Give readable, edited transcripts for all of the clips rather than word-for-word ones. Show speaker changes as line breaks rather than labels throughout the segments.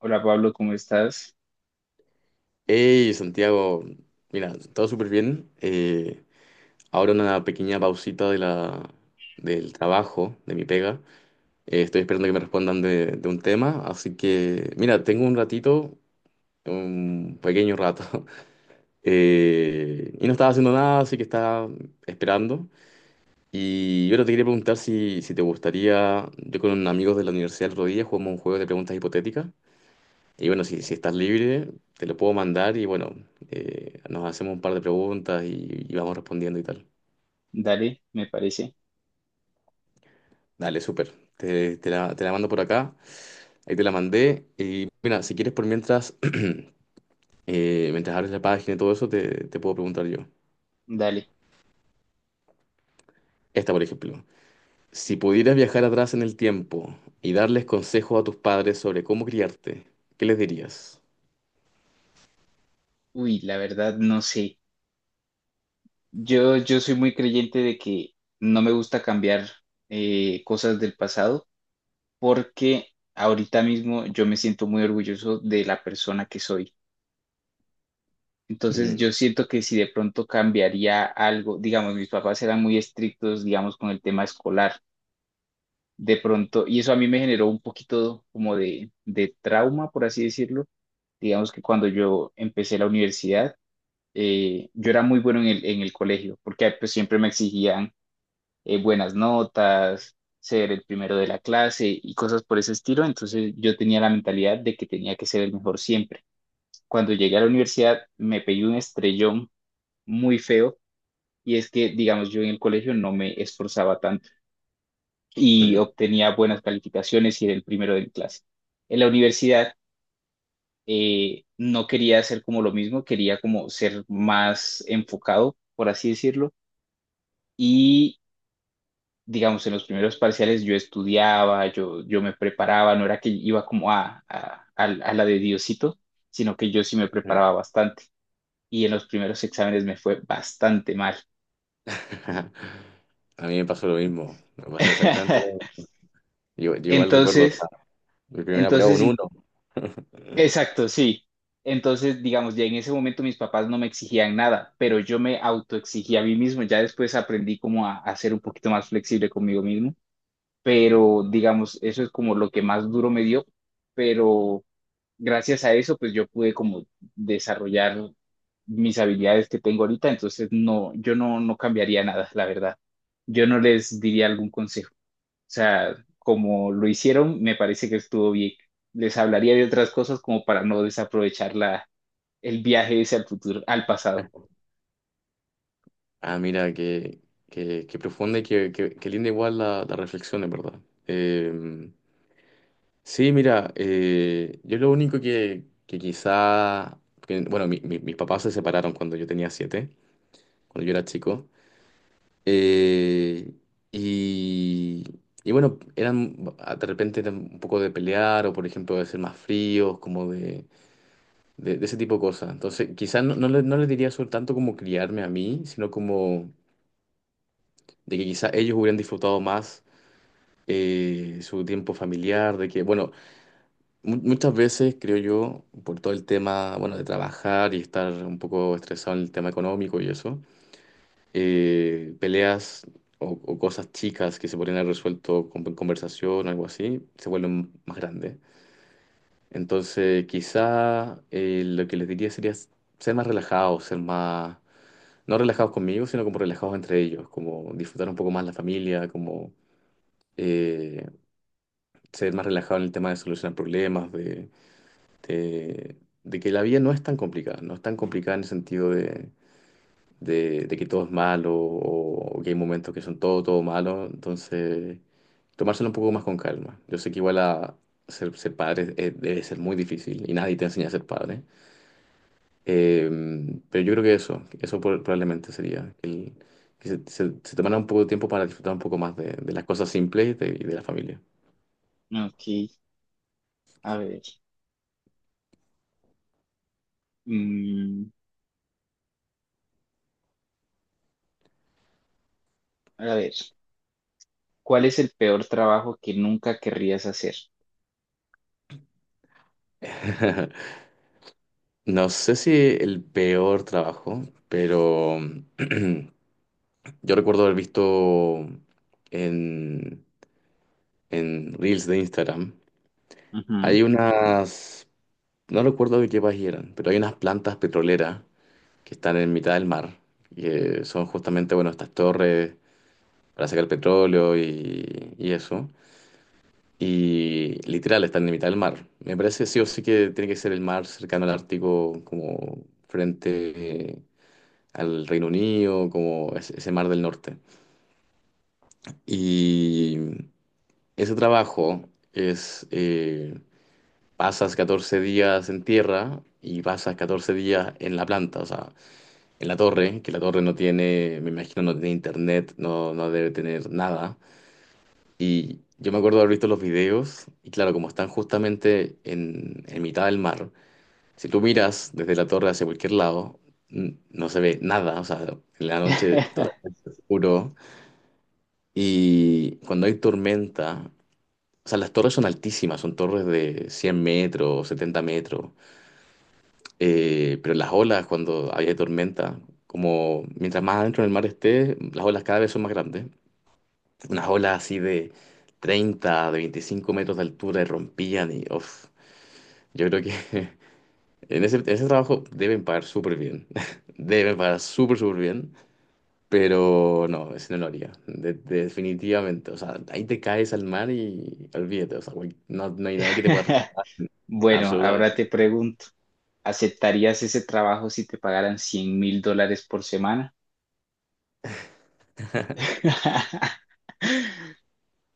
Hola, Pablo, ¿cómo estás?
Hey, Santiago, mira, todo súper bien. Ahora una pequeña pausita del trabajo, de mi pega. Estoy esperando que me respondan de un tema, así que, mira, tengo un ratito, un pequeño rato. Y no estaba haciendo nada, así que estaba esperando. Y yo te quería preguntar si te gustaría, yo con amigos de la universidad el otro día jugamos un juego de preguntas hipotéticas. Y bueno, si estás libre, te lo puedo mandar y bueno, nos hacemos un par de preguntas y vamos respondiendo y tal.
Dale, me parece.
Dale, súper. Te la mando por acá. Ahí te la mandé. Y mira, si quieres por mientras, mientras abres la página y todo eso, te puedo preguntar yo.
Dale.
Esta, por ejemplo. Si pudieras viajar atrás en el tiempo y darles consejos a tus padres sobre cómo criarte, ¿qué les dirías?
Uy, la verdad no sé. Yo soy muy creyente de que no me gusta cambiar cosas del pasado porque ahorita mismo yo me siento muy orgulloso de la persona que soy. Entonces
Mm,
yo siento que si de pronto cambiaría algo, digamos, mis papás eran muy estrictos, digamos, con el tema escolar. De pronto, y eso a mí me generó un poquito como de trauma, por así decirlo. Digamos que cuando yo empecé la universidad, yo era muy bueno en el colegio, porque pues, siempre me exigían buenas notas, ser el primero de la clase y cosas por ese estilo, entonces yo tenía la mentalidad de que tenía que ser el mejor siempre. Cuando llegué a la universidad me pegué un estrellón muy feo y es que, digamos, yo en el colegio no me esforzaba tanto y
mm,
obtenía buenas calificaciones y era el primero de mi clase. En la universidad, no quería hacer como lo mismo, quería como ser más enfocado, por así decirlo. Y, digamos, en los primeros parciales yo estudiaba, yo me preparaba, no era que iba como a, a la de Diosito, sino que yo sí me
mm.
preparaba bastante. Y en los primeros exámenes me fue bastante mal.
A mí me pasó lo mismo. Me pasa exactamente lo mismo. Yo igual recuerdo.
Entonces,
Mi primera prueba,
entonces,
un
in-
uno.
exacto, sí. Entonces, digamos, ya en ese momento mis papás no me exigían nada, pero yo me autoexigía a mí mismo. Ya después aprendí como a ser un poquito más flexible conmigo mismo, pero digamos, eso es como lo que más duro me dio, pero gracias a eso, pues yo pude como desarrollar mis habilidades que tengo ahorita, entonces no, yo no, no cambiaría nada, la verdad. Yo no les diría algún consejo. O sea, como lo hicieron, me parece que estuvo bien. Les hablaría de otras cosas como para no desaprovechar la, el viaje ese al futuro, al pasado.
Ah, mira, qué profunda y qué linda igual la reflexión, en verdad. Eh, sí, mira, yo lo único que quizá, bueno, mis papás se separaron cuando yo tenía siete, cuando yo era chico. Eh, y, y bueno, eran, de repente eran un poco de pelear o, por ejemplo, de ser más fríos, como de ese tipo de cosas. Entonces, quizás no les diría sobre tanto como criarme a mí, sino como de que quizás ellos hubieran disfrutado más su tiempo familiar, de que, bueno, muchas veces creo yo, por todo el tema, bueno, de trabajar y estar un poco estresado en el tema económico y eso, peleas o cosas chicas que se podrían haber resuelto con conversación o algo así, se vuelven más grandes. Entonces, quizá lo que les diría sería ser más relajados, ser más, no relajados conmigo, sino como relajados entre ellos, como disfrutar un poco más la familia, como eh, ser más relajado en el tema de solucionar problemas, de- de que la vida no es tan complicada, no es tan complicada en el sentido de que todo es malo o que hay momentos que son todo malo. Entonces, tomárselo un poco más con calma. Yo sé que igual a ser padre debe ser muy difícil y nadie te enseña a ser padre. Eh, pero yo creo que eso probablemente sería, que se tomara un poco de tiempo para disfrutar un poco más de las cosas simples y de la familia.
Ok, a ver. Mm, a ver, ¿cuál es el peor trabajo que nunca querrías hacer?
No sé si el peor trabajo, pero yo recuerdo haber visto en, en Reels de Instagram,
Ujú.
hay unas, no recuerdo de qué país eran, pero hay unas plantas petroleras que están en mitad del mar, que son justamente, bueno, estas torres para sacar petróleo y eso. Y literal, están en la mitad del mar. Me parece sí o sí que tiene que ser el mar cercano al Ártico, como frente al Reino Unido, como ese mar del norte. Y ese trabajo es, pasas 14 días en tierra y pasas 14 días en la planta, o sea, en la torre, que la torre no tiene, me imagino, no tiene internet, no debe tener nada. Y yo me acuerdo de haber visto los videos, y claro, como están justamente en mitad del mar, si tú miras desde la torre hacia cualquier lado, no se ve nada, o sea, en la noche totalmente oscuro. Y cuando hay tormenta, o sea, las torres son altísimas, son torres de 100 metros, 70 metros, pero las olas cuando hay tormenta, como mientras más adentro en el mar esté, las olas cada vez son más grandes. Unas olas así de 30, de 25 metros de altura y rompían y uf, yo creo que en ese trabajo deben pagar súper bien, deben pagar súper, súper bien, pero no, ese no lo haría, definitivamente, o sea, ahí te caes al mar y olvídate, o sea, güey, no hay nadie que te pueda rescatar,
Bueno, ahora
absolutamente.
te pregunto. ¿Aceptarías ese trabajo si te pagaran $100.000 por semana?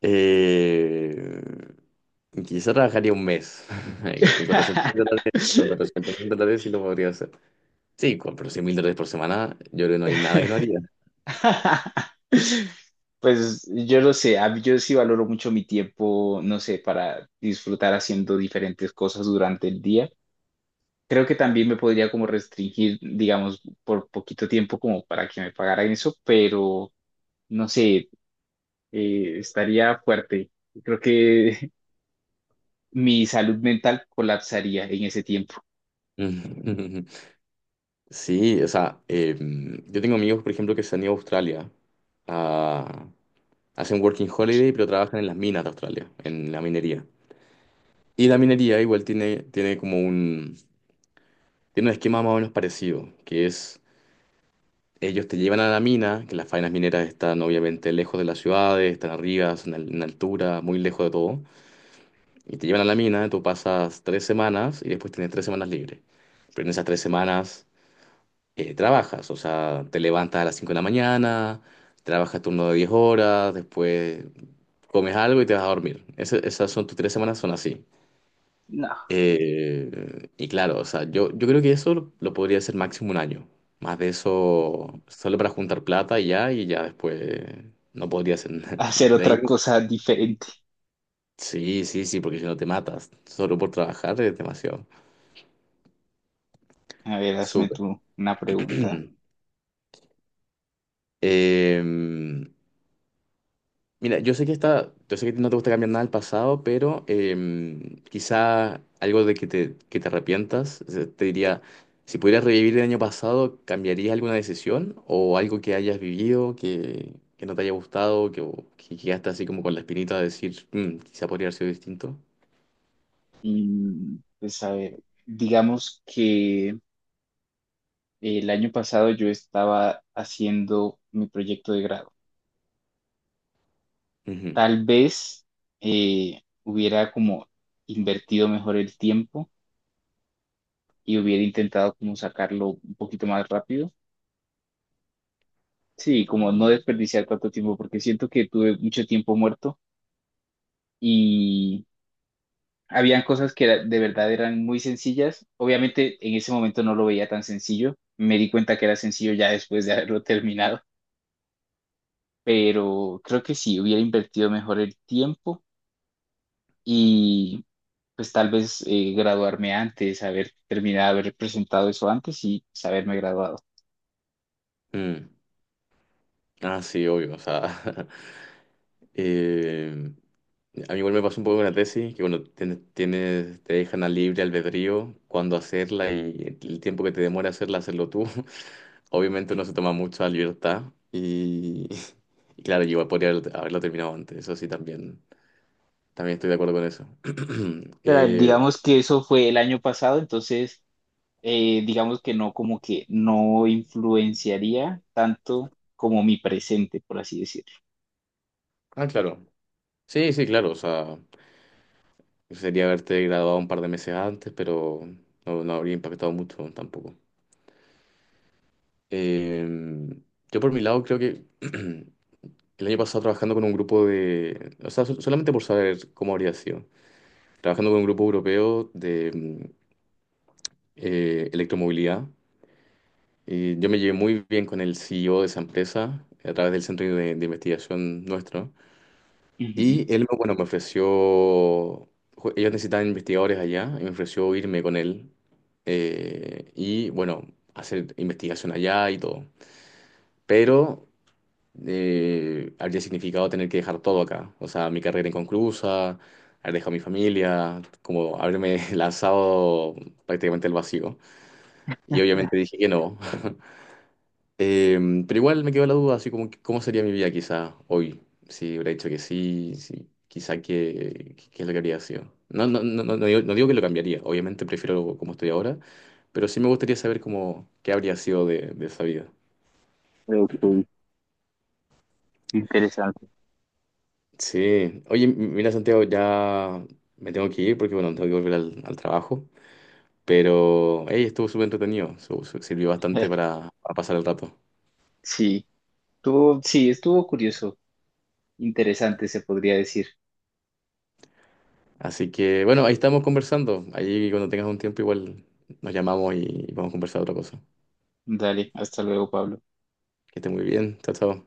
Eh, quizá trabajaría un mes, con 400 mil dólares, con 400 mil dólares sí lo podría hacer. Sí, pero $100,000 por semana, yo creo que no hay nada que no haría.
Pues yo lo sé, a- yo sí valoro mucho mi tiempo, no sé, para disfrutar haciendo diferentes cosas durante el día. Creo que también me podría como restringir, digamos, por poquito tiempo como para que me pagaran eso, pero no sé, estaría fuerte. Creo que mi salud mental colapsaría en ese tiempo.
Sí, o sea, yo tengo amigos, por ejemplo, que se han ido a Australia. a- Hacen working holiday, pero trabajan en las minas de Australia, en la minería. Y la minería igual tiene un esquema más o menos parecido, que es, ellos te llevan a la mina, que las faenas mineras están obviamente lejos de las ciudades, están arriba, son en altura, muy lejos de todo. Y te llevan a la mina, tú pasas 3 semanas y después tienes 3 semanas libres. Pero en esas 3 semanas trabajas, o sea, te levantas a las 5 de la mañana, trabajas turno de 10 horas, después comes algo y te vas a dormir. Esas son tus 3 semanas, son así.
No,
Y claro, o sea, yo creo que eso lo podría hacer máximo un año. Más de eso, solo para juntar plata y ya, después no podría hacer nada.
hacer
De
otra
ahí,
cosa diferente.
sí, sí, sí, porque si no te matas, solo por trabajar es demasiado.
A ver, hazme
Súper.
tú una pregunta.
Mm. Em, mira, yo sé que no te gusta cambiar nada del pasado, pero quizá algo de que te arrepientas. O sea, te diría, si pudieras revivir el año pasado, ¿cambiarías alguna decisión o algo que hayas vivido que no te haya gustado, que, o que quedaste así como con la espinita de decir, "Mm, quizá podría haber sido distinto?
Mm, pues a ver, digamos que el año pasado yo estaba haciendo mi proyecto de grado.
Ujú,
Tal vez hubiera como invertido mejor el tiempo y hubiera intentado como sacarlo un poquito más rápido. Sí, como no desperdiciar tanto tiempo, porque siento que tuve mucho tiempo muerto y habían cosas de verdad eran muy sencillas. Obviamente en ese momento no lo veía tan sencillo. Me di cuenta que era sencillo ya después de haberlo terminado, pero creo que sí, hubiera invertido mejor el tiempo y pues tal vez graduarme antes, haber terminado, haber presentado eso antes y pues, haberme graduado.
mm. Ah, sí, obvio, o sea, em, A mí igual me pasó un poco con la tesis, que bueno, te dejan a libre albedrío cuándo hacerla y el tiempo que te demora hacerla, hacerlo tú. Obviamente no se toma mucha libertad y, y claro, yo igual podría haberlo terminado antes, eso sí, también estoy de acuerdo con eso.
Pero
Eh,
digamos que eso fue el año pasado, entonces digamos que no, como que no influenciaría tanto como mi presente, por así decirlo.
ah, claro. Sí, sí, claro, o sea, sería haberte graduado un par de meses antes, pero no habría impactado mucho tampoco. Eh, yo por mi lado creo que. El año pasado trabajando con un grupo de, o sea, solamente por saber cómo habría sido, trabajando con un grupo europeo de electromovilidad. Y yo me llevé muy bien con el CEO de esa empresa a través del centro de investigación nuestro.
Ujú.
Y él, bueno, me ofreció, ellos necesitaban investigadores allá y me ofreció irme con él y, bueno, hacer investigación allá y todo. Pero habría significado tener que dejar todo acá. O sea, mi carrera inconclusa, haber dejado a mi familia, como haberme lanzado prácticamente al vacío. Y obviamente dije que no. Eh, pero igual me quedó la duda, así como, ¿cómo sería mi vida quizá hoy? Si hubiera dicho que sí, si quizá qué es lo que habría sido. No, no, no, no, no digo, que lo cambiaría, obviamente prefiero como estoy ahora, pero sí me gustaría saber cómo, qué habría sido de esa vida.
Ok. Interesante.
Sí, oye, mira Santiago, ya me tengo que ir porque bueno, tengo que volver al trabajo, pero hey, estuvo súper entretenido, sirvió bastante para pasar el rato.
Sí, sí, estuvo curioso, interesante se podría decir.
Así que bueno, ahí estamos conversando, ahí cuando tengas un tiempo igual nos llamamos y vamos a conversar otra cosa.
Dale, hasta luego, Pablo.
Que esté muy bien, chao, chao.